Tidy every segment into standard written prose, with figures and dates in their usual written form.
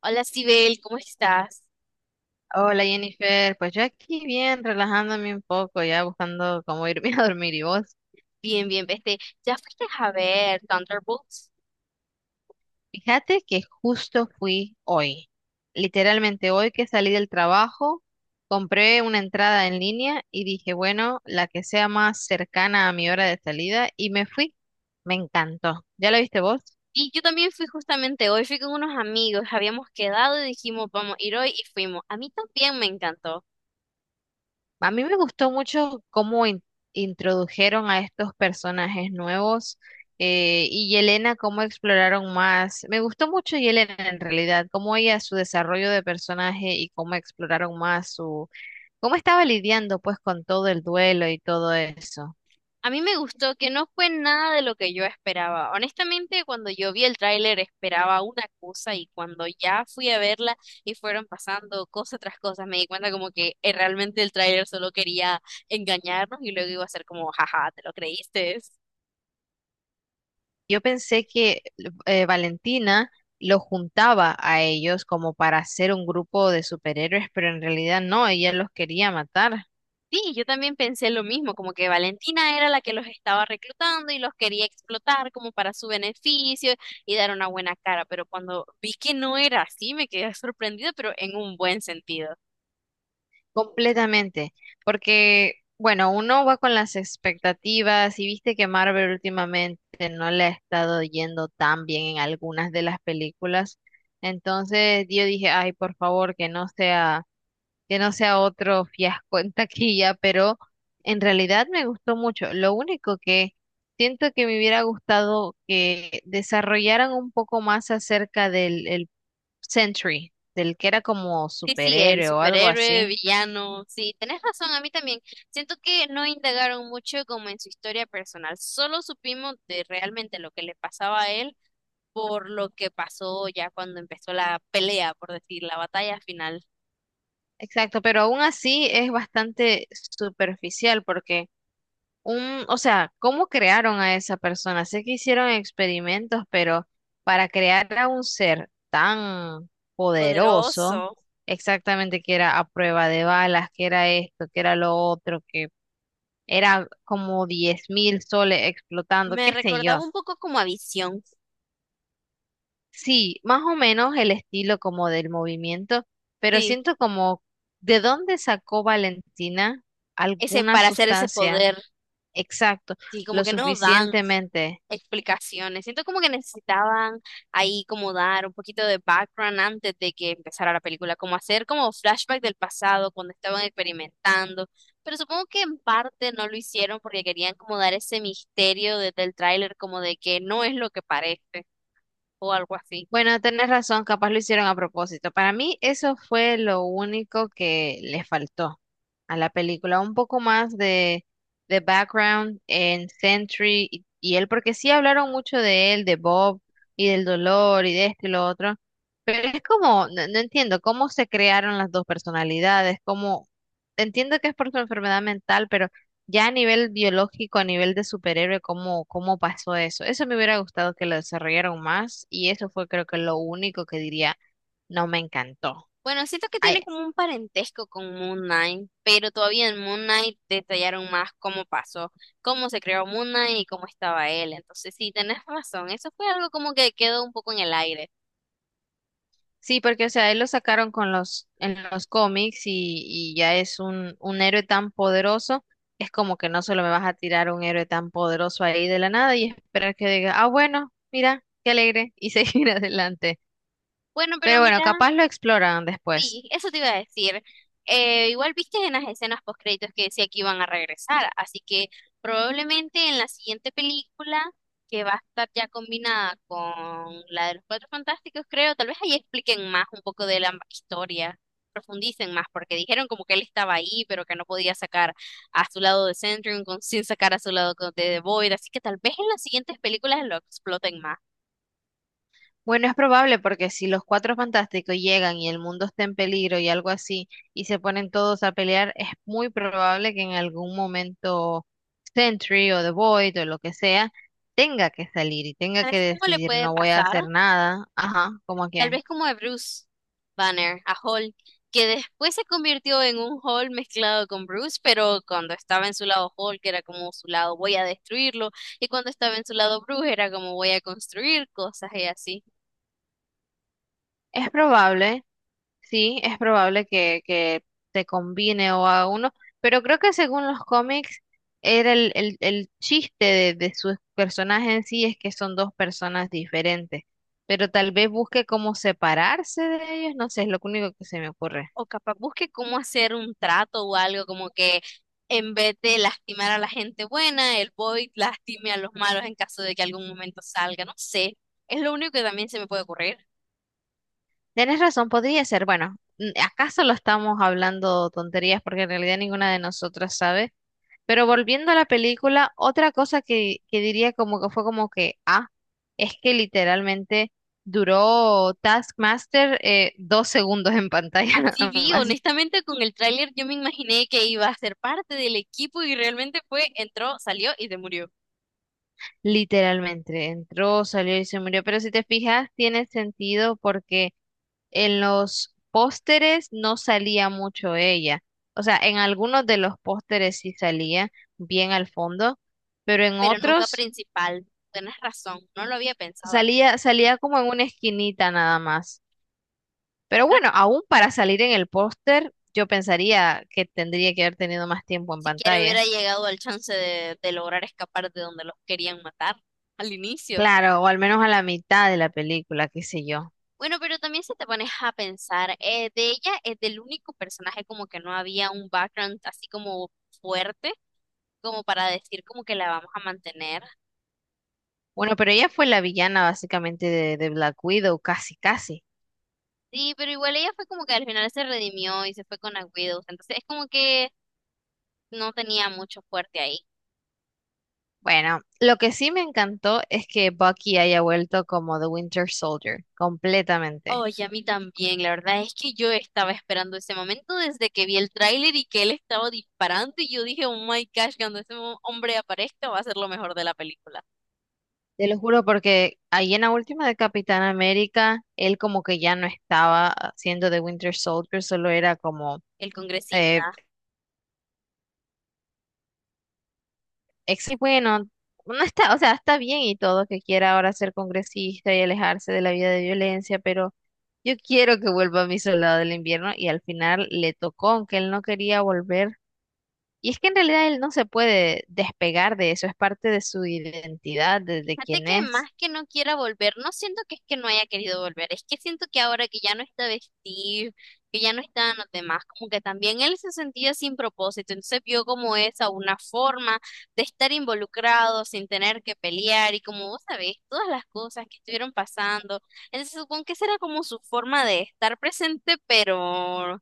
Hola, Sibel, ¿cómo estás? Hola Jennifer, pues yo aquí bien, relajándome un poco, ya buscando cómo irme a dormir y vos. Bien, bien, vete. ¿Ya fuiste a ver Thunderbolts? Fíjate que justo fui hoy, literalmente hoy que salí del trabajo, compré una entrada en línea y dije, bueno, la que sea más cercana a mi hora de salida y me fui. Me encantó. ¿Ya la viste vos? Y yo también fui justamente hoy, fui con unos amigos, habíamos quedado y dijimos, vamos a ir hoy y fuimos. A mí también me encantó. A mí me gustó mucho cómo introdujeron a estos personajes nuevos y Yelena, cómo exploraron más. Me gustó mucho Yelena en realidad, cómo ella, su desarrollo de personaje y cómo exploraron más su, cómo estaba lidiando pues con todo el duelo y todo eso. A mí me gustó que no fue nada de lo que yo esperaba. Honestamente, cuando yo vi el tráiler esperaba una cosa y cuando ya fui a verla y fueron pasando cosa tras cosa, me di cuenta como que realmente el tráiler solo quería engañarnos y luego iba a ser como, jaja, ¿te lo creíste? Yo pensé que Valentina lo juntaba a ellos como para hacer un grupo de superhéroes, pero en realidad no, ella los quería matar. Sí, yo también pensé lo mismo, como que Valentina era la que los estaba reclutando y los quería explotar como para su beneficio y dar una buena cara, pero cuando vi que no era así, me quedé sorprendida, pero en un buen sentido. Completamente, porque bueno, uno va con las expectativas y viste que Marvel últimamente no le ha estado yendo tan bien en algunas de las películas. Entonces yo dije, ay, por favor, que no sea otro fiasco en taquilla, pero en realidad me gustó mucho. Lo único que siento que me hubiera gustado que desarrollaran un poco más acerca del el Sentry, del que era como Sí, sí, el superhéroe o algo superhéroe, así. villano, sí, tenés razón, a mí también. Siento que no indagaron mucho como en su historia personal, solo supimos de realmente lo que le pasaba a él por lo que pasó ya cuando empezó la pelea, por decir, la batalla final. Exacto, pero aún así es bastante superficial porque o sea, ¿cómo crearon a esa persona? Sé que hicieron experimentos, pero para crear a un ser tan poderoso, Poderoso. exactamente que era a prueba de balas, que era esto, que era lo otro, que era como 10.000 soles explotando, Me qué sé recordaba yo. un poco como a Visión, Sí, más o menos el estilo como del movimiento, pero sí, siento como de dónde sacó Valentina ese alguna para hacer ese sustancia, poder, exacto, sí, como lo que no dan suficientemente. explicaciones. Siento como que necesitaban ahí como dar un poquito de background antes de que empezara la película, como hacer como flashback del pasado cuando estaban experimentando. Pero supongo que en parte no lo hicieron porque querían como dar ese misterio desde el tráiler, como de que no es lo que parece o algo así. Bueno, tenés razón, capaz lo hicieron a propósito. Para mí eso fue lo único que le faltó a la película, un poco más de background en Sentry y él, porque sí hablaron mucho de él, de Bob y del dolor y de esto y lo otro, pero es como, no, no entiendo cómo se crearon las dos personalidades, cómo, entiendo que es por su enfermedad mental, pero... Ya a nivel biológico, a nivel de superhéroe, ¿cómo, cómo pasó eso? Eso me hubiera gustado que lo desarrollaron más y eso fue creo que lo único que diría no me encantó. Bueno, siento que Ay, tiene como un parentesco con Moon Knight, pero todavía en Moon Knight detallaron más cómo pasó, cómo se creó Moon Knight y cómo estaba él. Entonces, sí, tenés razón, eso fue algo como que quedó un poco en el aire. sí, porque o sea, él lo sacaron con los, en los cómics y ya es un héroe tan poderoso, es como que no solo me vas a tirar un héroe tan poderoso ahí de la nada y esperar que diga, ah, bueno, mira, qué alegre y seguir adelante. Bueno, pero Pero bueno, mira, capaz lo exploran después. sí, eso te iba a decir. Igual viste en las escenas postcréditos que decía que iban a regresar, así que probablemente en la siguiente película, que va a estar ya combinada con la de los Cuatro Fantásticos, creo, tal vez ahí expliquen más un poco de la historia, profundicen más, porque dijeron como que él estaba ahí, pero que no podía sacar a su lado sin sacar a de The Void, así que tal vez en las siguientes películas lo exploten más. Bueno, es probable porque si los Cuatro Fantásticos llegan y el mundo está en peligro y algo así, y se ponen todos a pelear, es muy probable que en algún momento Sentry o The Void o lo que sea tenga que salir y tenga que ¿Sabes cómo le decidir puede no voy a pasar? hacer nada. Ajá, como Tal que vez como a Bruce Banner, a Hulk, que después se convirtió en un Hulk mezclado con Bruce, pero cuando estaba en su lado Hulk era como su lado voy a destruirlo, y cuando estaba en su lado Bruce era como voy a construir cosas y así. es probable. Sí, es probable que te combine o a uno, pero creo que según los cómics era el chiste de sus personajes en sí es que son dos personas diferentes, pero tal vez busque cómo separarse de ellos, no sé, es lo único que se me ocurre. O capaz busque cómo hacer un trato o algo como que en vez de lastimar a la gente buena, el Void lastime a los malos en caso de que algún momento salga, no sé. Es lo único que también se me puede ocurrir. Tienes razón, podría ser, bueno, acá solo estamos hablando tonterías porque en realidad ninguna de nosotras sabe. Pero volviendo a la película, otra cosa que diría como que fue como que, ah, es que literalmente duró Taskmaster 2 segundos en pantalla Así nada vi, más. honestamente con el tráiler yo me imaginé que iba a ser parte del equipo y realmente fue, entró, salió y se murió. Literalmente, entró, salió y se murió. Pero si te fijas, tiene sentido porque en los pósteres no salía mucho ella. O sea, en algunos de los pósteres sí salía bien al fondo, pero en Pero nunca otros principal, tienes razón, no lo había pensado. salía, salía como en una esquinita nada más. Pero Creo que bueno, aún para salir en el póster, yo pensaría que tendría que haber tenido más tiempo en ni siquiera pantalla. hubiera llegado al chance de lograr escapar de donde los querían matar al inicio. Claro, o al menos a la mitad de la película, qué sé yo. Bueno, pero también si te pones a pensar, de ella es del único personaje como que no había un background así como fuerte, como para decir como que la vamos a mantener. Bueno, pero ella fue la villana básicamente de Black Widow, casi, casi. Sí, pero igual ella fue como que al final se redimió y se fue con la Widows. Entonces es como que no tenía mucho fuerte ahí. Bueno, lo que sí me encantó es que Bucky haya vuelto como The Winter Soldier, Oh, completamente. y a mí también, la verdad es que yo estaba esperando ese momento desde que vi el tráiler y que él estaba disparando y yo dije, oh my gosh, cuando hombre aparezca va a ser lo mejor de la película. Te lo juro porque ahí en la última de Capitán América, él como que ya no estaba siendo The Winter Soldier, solo era como El eh, congresista. Ex y bueno, no está, o sea, está bien y todo que quiera ahora ser congresista y alejarse de la vida de violencia, pero yo quiero que vuelva a mi soldado del invierno y al final le tocó, aunque él no quería volver. Y es que en realidad él no se puede despegar de eso, es parte de su identidad, Y de fíjate quién que es. más que no quiera volver, no siento que es que no haya querido volver, es que siento que ahora que ya no está vestido, que ya no están los demás, como que también él se sentía sin propósito, entonces vio como esa una forma de estar involucrado sin tener que pelear y como vos sabés, todas las cosas que estuvieron pasando, entonces supongo que esa era como su forma de estar presente, pero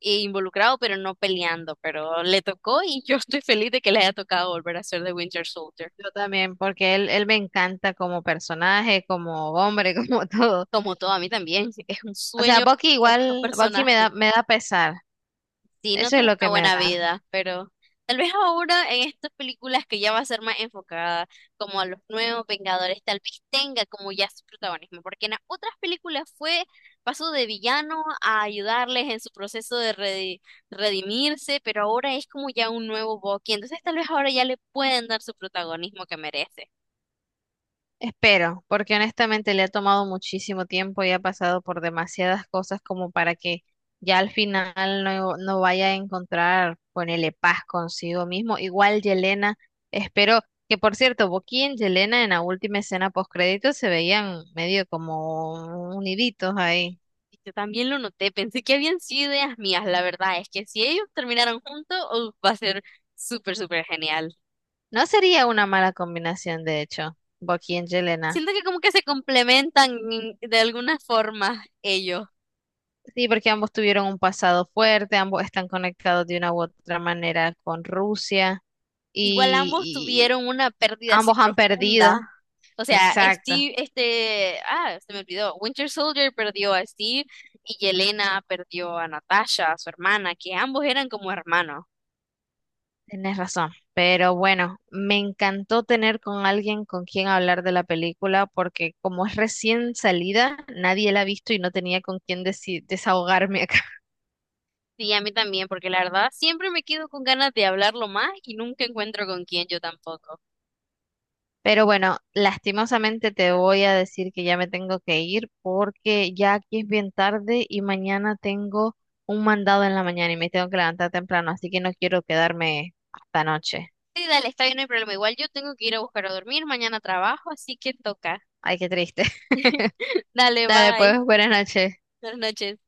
e involucrado, pero no peleando, pero le tocó y yo estoy feliz de que le haya tocado volver a ser de Winter Soldier. Yo también, porque él me encanta como personaje, como hombre, como todo. Como todo, a mí también. Es un O sea, sueño Bucky estos igual, Bucky me personajes. da, me da pesar. Sí, no Eso es tuvo lo una que me buena da. vida, pero tal vez ahora en estas películas que ya va a ser más enfocada como a los nuevos Vengadores, tal vez tenga como ya su protagonismo, porque en las otras películas fue paso de villano a ayudarles en su proceso de redimirse, pero ahora es como ya un nuevo Bucky, entonces tal vez ahora ya le pueden dar su protagonismo que merece. Espero, porque honestamente le ha tomado muchísimo tiempo y ha pasado por demasiadas cosas como para que ya al final no vaya a encontrar, ponele paz consigo mismo. Igual Yelena, espero que por cierto, Boqui y Yelena en la última escena postcrédito se veían medio como uniditos ahí. Yo también lo noté, pensé que habían sido ideas mías, la verdad es que si ellos terminaron juntos, uf, va a ser súper, súper genial. No sería una mala combinación, de hecho, Boqui y Yelena. Siento que como que se complementan de alguna forma ellos. Sí, porque ambos tuvieron un pasado fuerte, ambos están conectados de una u otra manera con Rusia Igual ambos y, tuvieron una pérdida así ambos han perdido. profunda. O sea, Exacto, Steve, este, ah, se me olvidó, Winter Soldier perdió a Steve y Yelena perdió a Natasha, su hermana, que ambos eran como hermanos. tienes razón. Pero bueno, me encantó tener con alguien con quien hablar de la película porque como es recién salida, nadie la ha visto y no tenía con quien desahogarme acá. Sí, a mí también, porque la verdad siempre me quedo con ganas de hablarlo más y nunca encuentro con quién yo tampoco. Pero bueno, lastimosamente te voy a decir que ya me tengo que ir porque ya aquí es bien tarde y mañana tengo un mandado en la mañana y me tengo que levantar temprano, así que no quiero quedarme hasta noche. Sí, dale, está bien, no hay problema. Igual yo tengo que ir a buscar a dormir, mañana trabajo, así que toca. Ay, qué triste. Dale, Dale, pues, bye. buenas noches. Buenas noches.